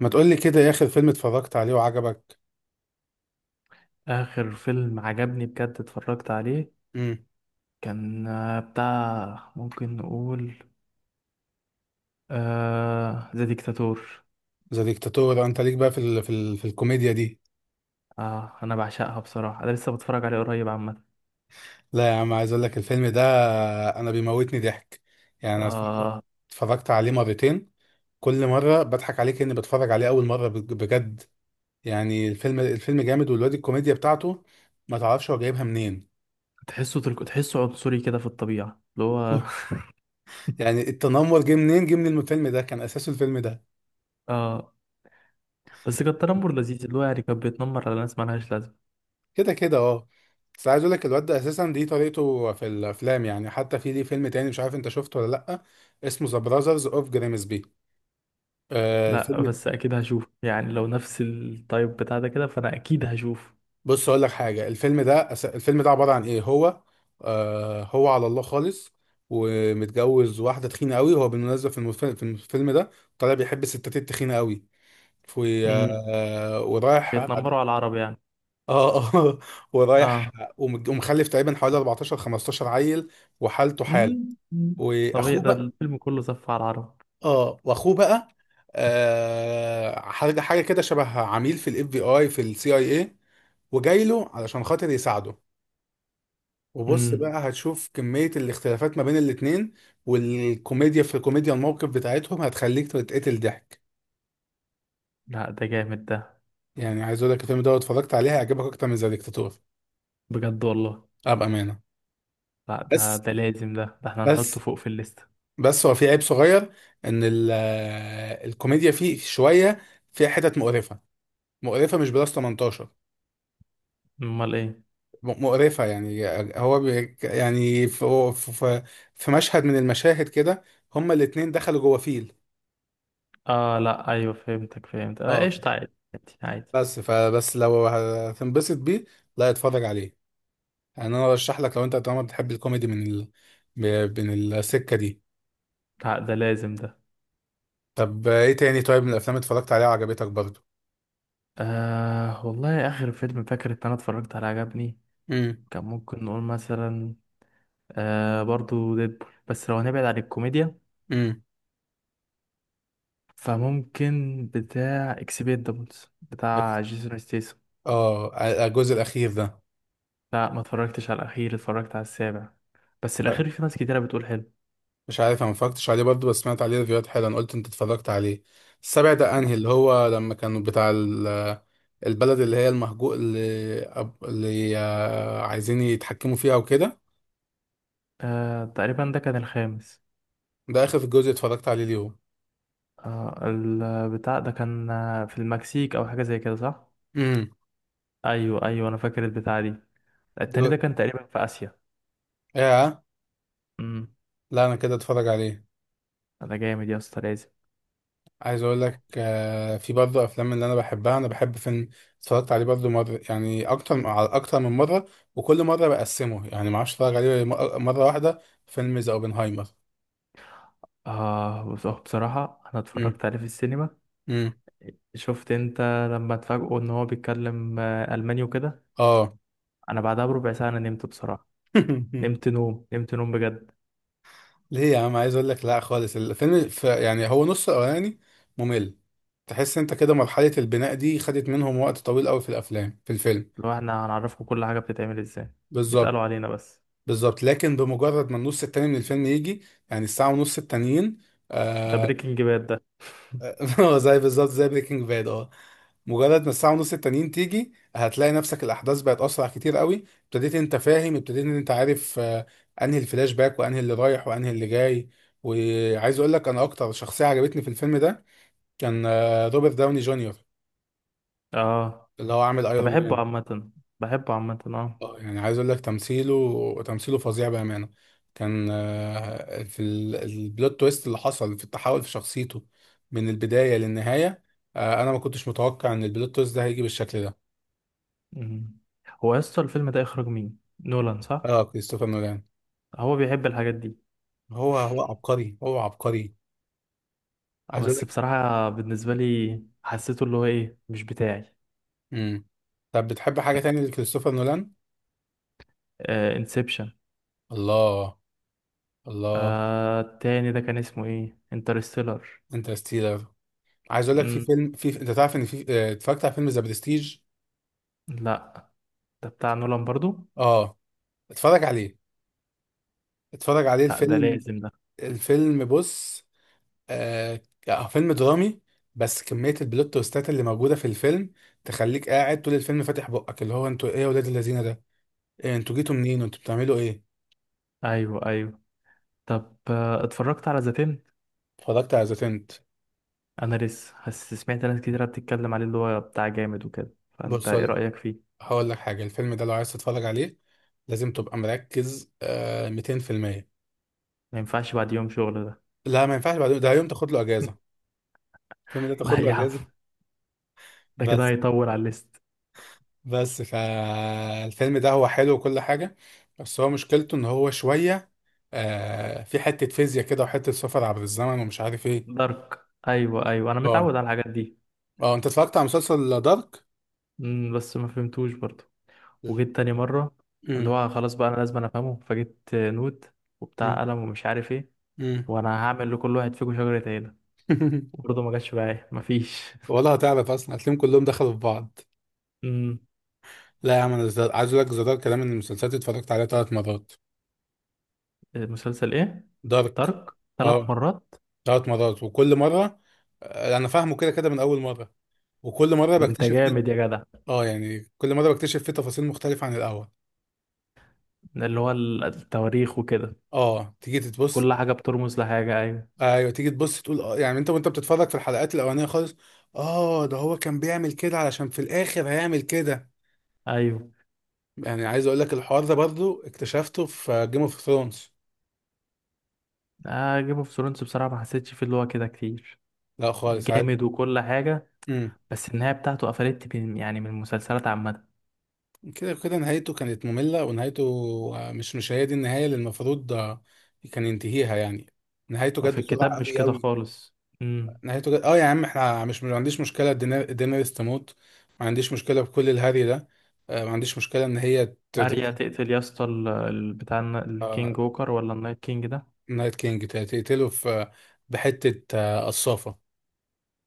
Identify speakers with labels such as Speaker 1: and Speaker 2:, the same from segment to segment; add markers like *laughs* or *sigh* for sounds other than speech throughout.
Speaker 1: ما تقول لي كده يا اخر فيلم اتفرجت عليه وعجبك؟
Speaker 2: آخر فيلم عجبني بجد اتفرجت عليه
Speaker 1: امم.
Speaker 2: كان بتاع ممكن نقول آه ذا ديكتاتور.
Speaker 1: ذا ديكتاتور، انت ليك بقى في الكوميديا دي.
Speaker 2: آه، أنا بعشقها بصراحة، أنا لسه بتفرج عليه قريب عامة.
Speaker 1: لا يا عم، عايز اقول لك الفيلم ده انا بيموتني ضحك. يعني انا
Speaker 2: آه،
Speaker 1: اتفرجت عليه مرتين، كل مره بضحك عليه كاني بتفرج عليه اول مره بجد. يعني الفيلم جامد، والواد الكوميديا بتاعته ما تعرفش هو جايبها منين.
Speaker 2: تحسه تحسه عنصري كده في الطبيعة اللي هو
Speaker 1: *laughs* يعني التنمر جه منين؟ جه من الفيلم ده، كان اساسه الفيلم ده.
Speaker 2: *laughs* آه. بس كان تنمر لذيذ، اللي هو يعني كان بيتنمر على ناس مالهاش لازمة.
Speaker 1: كده كده اه. بس عايز اقول لك الواد ده اساسا دي طريقته في الافلام، يعني حتى في ليه فيلم تاني، مش عارف انت شفته ولا لا، اسمه ذا براذرز اوف جريمسبي. آه
Speaker 2: لا،
Speaker 1: الفيلم ده-
Speaker 2: بس أكيد هشوف، يعني لو نفس التايب بتاع ده كده فأنا أكيد هشوف.
Speaker 1: بص اقول لك حاجه، الفيلم ده الفيلم ده عباره عن ايه؟ هو هو على الله خالص، ومتجوز واحده تخينه قوي، هو بالمناسبه في الفيلم ده طالع بيحب الستات التخينه قوي. في
Speaker 2: مم.
Speaker 1: ورايح اه.
Speaker 2: بيتنمروا على العرب يعني.
Speaker 1: اه *laughs* ورايح،
Speaker 2: اه.
Speaker 1: ومخلف تقريبا حوالي 14 15 عيل، وحالته حاله.
Speaker 2: مم. مم. طبيعي، ده
Speaker 1: واخوه،
Speaker 2: الفيلم كله صف على العرب.
Speaker 1: اه واخوه بقى حاجه كده شبه عميل في الاف بي اي في السي اي اي، وجاي له علشان خاطر يساعده. وبص
Speaker 2: امم.
Speaker 1: بقى هتشوف كمية الاختلافات ما بين الاتنين. والكوميديا، في الكوميديا الموقف بتاعتهم هتخليك تتقتل ضحك.
Speaker 2: لا، ده جامد ده.
Speaker 1: يعني عايز اقول لك الفيلم ده لو اتفرجت عليه هيعجبك اكتر من ذا ديكتاتور،
Speaker 2: بجد والله.
Speaker 1: ابقى امانة.
Speaker 2: لا، ده
Speaker 1: بس
Speaker 2: ده لازم، ده ده احنا هنحطه
Speaker 1: بس
Speaker 2: فوق في الليستة.
Speaker 1: بس هو في عيب صغير، ان الكوميديا فيه شوية، فيها حتت مقرفة، مقرفة مش بلس 18.
Speaker 2: امال ايه؟
Speaker 1: مقرفة يعني. هو بي يعني في, في مشهد من المشاهد كده هما الاتنين دخلوا جوه فيل.
Speaker 2: اه، لا، ايوه، فهمتك، فهمت، آه،
Speaker 1: اه،
Speaker 2: قشطة، عادي. عادي.
Speaker 1: بس فبس لو هتنبسط بيه لا اتفرج عليه. يعني انا ارشح لك لو انت طالما بتحب الكوميدي من السكة دي.
Speaker 2: لا، ده لازم ده.
Speaker 1: طب ايه تاني؟ طيب من الافلام اتفرجت عليها وعجبتك برضو؟
Speaker 2: آه والله، اخر فيلم فاكر ان انا اتفرجت عليه عجبني
Speaker 1: امم.
Speaker 2: كان ممكن نقول مثلا آه، برضو ديدبول، بس لو هنبعد عن الكوميديا
Speaker 1: امم.
Speaker 2: فممكن بتاع اكسبيندابلز بتاع جيسون ستيسون.
Speaker 1: اه، الجزء الاخير ده.
Speaker 2: لا، ما اتفرجتش على الاخير، اتفرجت على السابع، بس
Speaker 1: س-
Speaker 2: الاخير في ناس كتيرة بتقول حلو.
Speaker 1: مش عارف، انا ما اتفرجتش عليه برضه، بس سمعت عليه ريفيوهات حلوه، انا قلت انت اتفرجت عليه. السابع ده انهي؟ اللي هو لما كانوا بتاع البلد اللي هي المهجو اللي, أب... اللي آه، عايزين يتحكموا فيها وكده؟
Speaker 2: آه، تقريبا ده كان الخامس.
Speaker 1: ده اخر جزء اتفرجت عليه ليهم.
Speaker 2: آه، البتاع ده كان في المكسيك او حاجه زي كده، صح؟
Speaker 1: امم.
Speaker 2: ايوه ايوه، انا فاكر البتاع دي.
Speaker 1: دو...
Speaker 2: التاني ده كان تقريبا في اسيا.
Speaker 1: ايه.
Speaker 2: امم.
Speaker 1: لا انا كده اتفرج عليه.
Speaker 2: انا جامد يا اسطى، لازم.
Speaker 1: عايز اقول لك في برضه افلام اللي انا بحبها، انا بحب فيلم اتفرجت عليه برضه مره، يعني اكتر على اكتر من مره، وكل مره بقسمه، يعني ما اعرفش اتفرج عليه مره واحده. فيلم ذا اوبنهايمر.
Speaker 2: اه، بص، بصراحه انا
Speaker 1: امم.
Speaker 2: اتفرجت عليه في السينما.
Speaker 1: امم.
Speaker 2: شفت انت لما اتفاجئوا ان هو بيتكلم الماني وكده.
Speaker 1: اه.
Speaker 2: انا بعدها بربع ساعه انا نمت بصراحه. نمت
Speaker 1: *laughs*
Speaker 2: نوم نمت نوم بجد.
Speaker 1: ليه يا عم؟ عايز اقول لك لا خالص، يعني هو نص الاولاني ممل، تحس انت كده مرحلة البناء دي خدت منهم وقت طويل قوي في الفيلم.
Speaker 2: لو احنا هنعرفكم كل حاجه بتتعمل ازاي اتقالوا
Speaker 1: بالظبط.
Speaker 2: علينا بس.
Speaker 1: بالظبط، لكن بمجرد ما النص التاني من الفيلم يجي، يعني الساعة ونص التانيين،
Speaker 2: ده
Speaker 1: آه.
Speaker 2: بريكنج باد ده.
Speaker 1: *laughs* هو زي بالظبط زي بريكنج باد اه، مجرد ما الساعة ونص التانيين تيجي هتلاقي نفسك الأحداث بقت أسرع كتير قوي، ابتديت أنت فاهم، ابتديت إن أنت عارف أنهي الفلاش باك وأنهي اللي رايح وأنهي اللي جاي. وعايز أقول لك أنا أكتر شخصية عجبتني في الفيلم ده كان روبرت داوني جونيور،
Speaker 2: اه.
Speaker 1: اللي هو عامل
Speaker 2: انا
Speaker 1: ايرون
Speaker 2: بحبه
Speaker 1: مان.
Speaker 2: عامة. بحبه عامة اه.
Speaker 1: يعني عايز اقول لك تمثيله فظيع بامانه. كان البلوت تويست اللي حصل في التحول في شخصيته من البدايه للنهايه. انا ما كنتش متوقع ان البلوت تويست ده هيجي بالشكل ده.
Speaker 2: مم. هو يا اسطى الفيلم ده اخراج مين، نولان صح؟
Speaker 1: اه كريستوفر نولان.
Speaker 2: هو بيحب الحاجات دي.
Speaker 1: هو عبقري، هو عبقري. عايز اقول
Speaker 2: بس
Speaker 1: لك.
Speaker 2: بصراحة بالنسبة لي حسيته اللي هو ايه، مش بتاعي.
Speaker 1: امم. طب بتحب حاجه تانية لكريستوفر نولان؟
Speaker 2: آه، انسبشن.
Speaker 1: الله. الله.
Speaker 2: آه، التاني ده كان اسمه ايه، انترستيلر.
Speaker 1: انترستيلر. عايز اقول لك في
Speaker 2: مم.
Speaker 1: فيلم، في انت تعرف ان في آه، اتفرجت على فيلم ذا برستيج.
Speaker 2: لا. ده بتاع نولان برضو.
Speaker 1: اه، اتفرج عليه، اتفرج عليه
Speaker 2: لا، ده
Speaker 1: الفيلم،
Speaker 2: لازم ده.
Speaker 1: الفيلم بص. آه. فيلم درامي، بس كمية البلوت تويستات اللي موجودة في الفيلم تخليك قاعد طول الفيلم فاتح بقك، اللي هو انتوا ايه يا ولاد الذين ده؟ ايه انتوا جيتوا منين؟ انتوا بتعملوا ايه؟
Speaker 2: ايوه ايوه. طب آه، اتفرجت على ذا تنت؟
Speaker 1: اتفرجت على ذا تنت.
Speaker 2: انا لسه بس سمعت ناس كتيرة بتتكلم عليه اللي هو بتاع جامد وكده، فانت
Speaker 1: بص،
Speaker 2: ايه
Speaker 1: هقول،
Speaker 2: رأيك فيه؟
Speaker 1: هقول لك حاجة، الفيلم ده لو عايز تتفرج عليه لازم تبقى مركز 200%.
Speaker 2: ما ينفعش بعد يوم شغل ده.
Speaker 1: لا، ما ينفعش بعدين، ده يوم تاخد له اجازة،
Speaker 2: *laughs*
Speaker 1: الفيلم ده تاخد
Speaker 2: لا
Speaker 1: له
Speaker 2: يا عم،
Speaker 1: اجازة.
Speaker 2: ده كده
Speaker 1: بس
Speaker 2: هيطول على الليست.
Speaker 1: بس فالفيلم ده هو حلو وكل حاجة، بس هو مشكلته ان هو شوية، في حتة فيزياء كده وحتة سفر عبر الزمن ومش عارف ايه.
Speaker 2: دارك. ايوه ايوه، انا
Speaker 1: اه.
Speaker 2: متعود على الحاجات دي.
Speaker 1: اه، انت اتفرجت على مسلسل دارك؟
Speaker 2: امم، بس ما فهمتوش برضو، وجيت تاني مره.
Speaker 1: امم.
Speaker 2: اللي هو خلاص بقى، انا لازم أنا افهمه، فجبت نوت
Speaker 1: امم.
Speaker 2: وبتاع قلم ومش عارف ايه،
Speaker 1: امم.
Speaker 2: وانا هعمل لكل واحد فيكم شجره عيله.
Speaker 1: *laughs*
Speaker 2: وبرضه ما جاتش بقى، ايه، مفيش.
Speaker 1: ولا هتعرف اصلا، هتلاقيهم كلهم دخلوا في بعض.
Speaker 2: امم.
Speaker 1: لا يا عم، انا عايز اقول لك زدار كلام من المسلسلات اللي اتفرجت عليها 3 مرات.
Speaker 2: *laughs* المسلسل ايه؟
Speaker 1: دارك.
Speaker 2: دارك، ثلاث
Speaker 1: اه.
Speaker 2: مرات؟
Speaker 1: 3 مرات، وكل مرة انا فاهمه كده كده من اول مرة، وكل مرة
Speaker 2: ده انت
Speaker 1: بكتشف فيه.
Speaker 2: جامد يا جدع.
Speaker 1: اه يعني كل مرة بكتشف فيه تفاصيل مختلفة عن الاول.
Speaker 2: اللي هو التواريخ وكده.
Speaker 1: اه تيجي تتبص.
Speaker 2: كل حاجه بترمز لحاجه، ايوه
Speaker 1: ايوه، تيجي تبص تقول اه، يعني انت وانت بتتفرج في الحلقات الاولانيه خالص، اه ده هو كان بيعمل كده علشان في الاخر هيعمل كده.
Speaker 2: ايوه.
Speaker 1: يعني عايز اقول لك الحوار ده برضو اكتشفته في جيم اوف ثرونز.
Speaker 2: آه جيم اوف ثرونز بصراحه ما حسيتش فيه اللي هو كده كتير.
Speaker 1: لا خالص، عايز.
Speaker 2: جامد وكل حاجه،
Speaker 1: امم.
Speaker 2: بس النهاية بتاعته قفلت يعني من المسلسلات عامة.
Speaker 1: كده كده نهايته كانت ممله، ونهايته مش هي دي النهايه اللي المفروض كان ينتهيها يعني، نهايته جت
Speaker 2: في
Speaker 1: بسرعه
Speaker 2: الكتاب مش
Speaker 1: قوي
Speaker 2: كده
Speaker 1: قوي.
Speaker 2: خالص. امم.
Speaker 1: نهايته جت اه، يا عم احنا مش، ما عنديش مشكله دينيريس تموت، ما عنديش مشكله بكل الهري ده، ما عنديش مشكله ان هي ت-
Speaker 2: اريا
Speaker 1: ت-
Speaker 2: تقتل يا اسطى بتاع الكينج
Speaker 1: آه،
Speaker 2: ووكر، ولا النايت كينج ده؟
Speaker 1: نايت كينج تقتله في بحتة قصافة.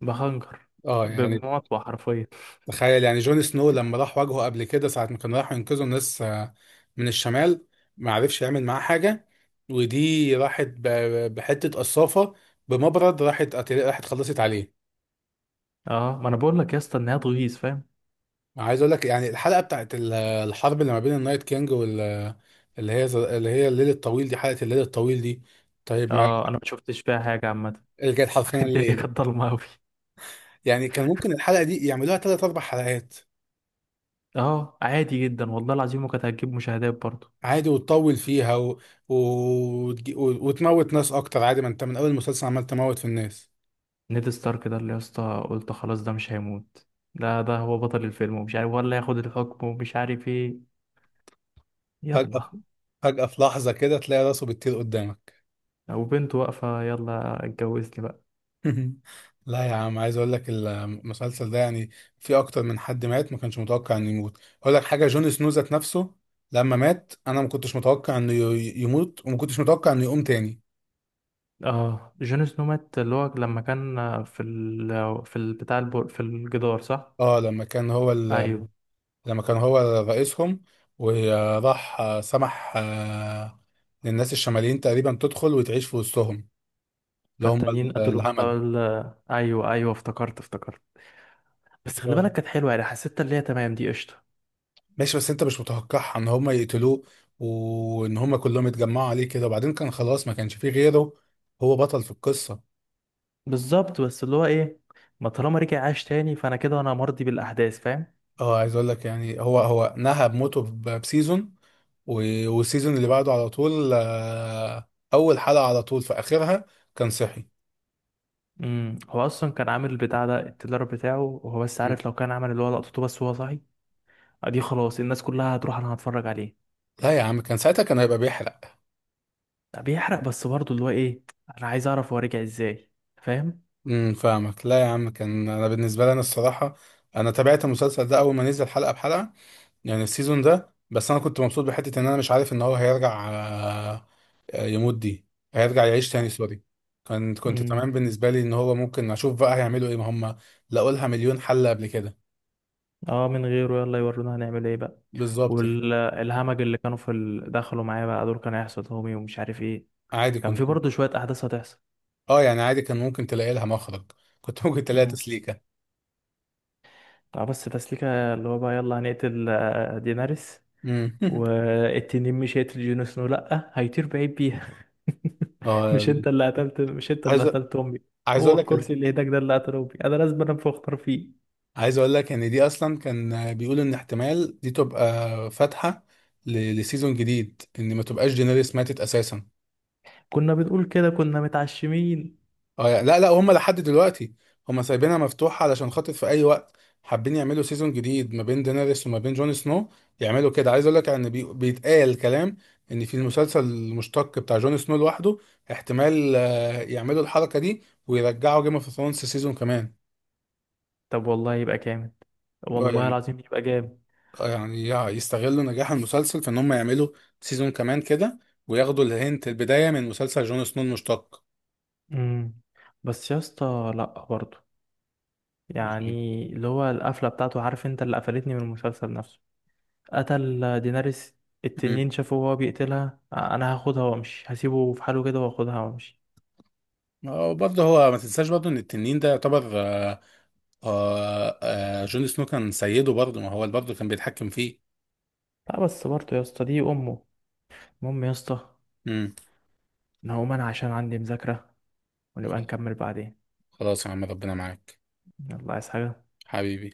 Speaker 2: بخنجر.
Speaker 1: اه يعني،
Speaker 2: بمطوة حرفيا.
Speaker 1: تخيل يعني جون سنو لما راح واجهه قبل كده، ساعة ما كانوا راحوا ينقذوا الناس من الشمال، ما عرفش يعمل معاه حاجة، ودي راحت بحتة قصافة، بمبرد راحت راحت خلصت عليه.
Speaker 2: اه، ما انا بقول لك يا اسطى النهاية تغيظ، فاهم؟
Speaker 1: عايز اقول لك يعني الحلقة بتاعت الحرب اللي ما بين النايت كينج وال، اللي هي، اللي هي الليل الطويل دي، حلقة الليل الطويل دي طيب ما
Speaker 2: اه، انا ما شفتش فيها حاجة عامة.
Speaker 1: رجعت
Speaker 2: *laughs*
Speaker 1: حرفيا
Speaker 2: الدنيا
Speaker 1: الليل.
Speaker 2: كانت ضلمة قوي.
Speaker 1: يعني كان ممكن الحلقة دي يعملوها 3 4 حلقات
Speaker 2: اه، عادي جدا، والله العظيم، وكانت هتجيب مشاهدات برضه.
Speaker 1: عادي، وتطول فيها و... وتموت ناس اكتر، عادي، ما انت من اول المسلسل عمال تموت في الناس.
Speaker 2: نيد ستارك ده اللي يا اسطى قلت خلاص ده مش هيموت، لا ده هو بطل الفيلم، ومش عارف ولا ياخد الحكم ومش عارف ايه،
Speaker 1: فجأة
Speaker 2: يلا.
Speaker 1: في... فجأة في لحظة كده تلاقي راسه بتطير قدامك.
Speaker 2: وبنته واقفة، يلا اتجوزني بقى.
Speaker 1: *laughs* لا يا عم، عايز اقول لك المسلسل ده يعني في اكتر من حد مات ما كانش متوقع انه يموت. اقول لك حاجة، جون سنو ذات نفسه لما مات انا ما كنتش متوقع انه يموت، وما كنتش متوقع انه يقوم تاني.
Speaker 2: اه جون سنو مات اللي هو لما كان في ال في في الجدار صح؟
Speaker 1: اه لما كان هو ال
Speaker 2: ايوه.
Speaker 1: لما كان هو رئيسهم، وراح سمح للناس الشماليين تقريبا تدخل وتعيش في وسطهم اللي هم
Speaker 2: فالتانيين قتلوا بتاع
Speaker 1: الهمج.
Speaker 2: ال... ايوه ايوه، افتكرت افتكرت. بس خلي
Speaker 1: ف-
Speaker 2: بالك كانت حلوة، يعني حسيت اللي هي تمام دي، قشطة.
Speaker 1: ماشي، بس انت مش متوقعها ان هم يقتلوه، وان هم كلهم يتجمعوا عليه كده، وبعدين كان خلاص ما كانش فيه غيره، هو بطل في القصة.
Speaker 2: بالظبط، بس اللي هو ايه، ما طالما رجع عاش تاني، فانا كده انا مرضي بالاحداث، فاهم؟
Speaker 1: اه عايز اقول لك يعني هو نهى بموته بسيزون، والسيزون اللي بعده على طول، اول حلقة على طول في اخرها كان صحي.
Speaker 2: امم. هو اصلا كان عامل البتاع ده، التدرب بتاعه، وهو بس
Speaker 1: مم.
Speaker 2: عارف لو كان عمل اللي هو لقطته بس وهو صاحي دي، خلاص الناس كلها هتروح، انا هتفرج عليه.
Speaker 1: لا يا عم، كان ساعتها كان هيبقى بيحرق.
Speaker 2: لا، بيحرق، بس برضه اللي هو ايه، انا عايز اعرف هو رجع ازاي، فاهم؟
Speaker 1: فاهمك، لا يا عم كان انا بالنسبه لي، انا الصراحه انا تابعت المسلسل ده اول ما نزل حلقه بحلقه، يعني السيزون ده، بس انا كنت مبسوط بحته ان انا مش عارف ان هو هيرجع يموت دي، هيرجع يعيش تاني سوري. كنت
Speaker 2: امم.
Speaker 1: تمام بالنسبه لي ان هو ممكن اشوف بقى هيعملوا ايه، ما هم لقوا لها مليون حل قبل كده.
Speaker 2: اه، من غيره يلا يورونا هنعمل ايه بقى.
Speaker 1: بالظبط يعني،
Speaker 2: والهمج اللي كانوا في ال... دخلوا معايا بقى، دول كانوا هيحصل همي ومش عارف ايه،
Speaker 1: عادي،
Speaker 2: كان في
Speaker 1: كنت
Speaker 2: برضه شوية احداث هتحصل.
Speaker 1: اه يعني عادي كان ممكن تلاقي لها مخرج، كنت ممكن تلاقي
Speaker 2: امم.
Speaker 1: تسليكه.
Speaker 2: اه بس تسليكة اللي هو بقى يلا هنقتل دينارس،
Speaker 1: امم. *laughs*
Speaker 2: والتنين مش هيقتل جون سنو، لأ هيطير بعيد بيها. *laughs* مش
Speaker 1: اه،
Speaker 2: انت اللي قتلت، مش انت اللي
Speaker 1: عايز
Speaker 2: قتلت امي؟
Speaker 1: عايز
Speaker 2: هو
Speaker 1: اقول لك،
Speaker 2: الكرسي اللي هناك ده اللي قتل امي، انا لازم انام في اختار فيه.
Speaker 1: عايز اقول لك ان دي اصلا كان بيقولوا ان احتمال دي تبقى فاتحه لسيزون جديد، ان ما تبقاش دينيريس ماتت اساسا.
Speaker 2: كنا بنقول كده، كنا متعشمين.
Speaker 1: اه يعني، لا لا، هم لحد دلوقتي هم سايبينها مفتوحه علشان خاطر في اي وقت حابين يعملوا سيزون جديد ما بين دينيريس وما بين جون سنو يعملوا كده. عايز اقول لك ان بيتقال كلام ان في المسلسل المشتق بتاع جون سنو لوحده احتمال يعملوا الحركه دي، ويرجعوا جيم اوف ثرونز سيزون كمان.
Speaker 2: طب والله يبقى جامد،
Speaker 1: اه
Speaker 2: والله
Speaker 1: يعني،
Speaker 2: العظيم يبقى جامد.
Speaker 1: يعني يستغلوا نجاح المسلسل في ان هم يعملوا سيزون كمان كده، وياخدوا الهنت البداية من مسلسل جون سنو المشتق.
Speaker 2: امم، بس يا اسطى لا برضه،
Speaker 1: أكيد.
Speaker 2: يعني اللي هو القفله بتاعته، عارف انت اللي قفلتني من المسلسل نفسه، قتل ديناريس.
Speaker 1: مم.
Speaker 2: التنين شافه وهو بيقتلها، انا هاخدها وامشي، هسيبه في حاله كده واخدها وامشي.
Speaker 1: وبرضه هو ما تنساش برضه ان التنين ده يعتبر آه، جون سنو كان سيده برضه، ما هو برضه كان بيتحكم فيه.
Speaker 2: لا بس برضه يا اسطى دي امه. المهم يا اسطى،
Speaker 1: مم.
Speaker 2: انا هقوم انا عشان عندي مذاكره، ونبقى نكمل بعدين.
Speaker 1: خلاص يا عم ربنا معاك،
Speaker 2: يلا، عايز حاجه؟
Speaker 1: حبيبي.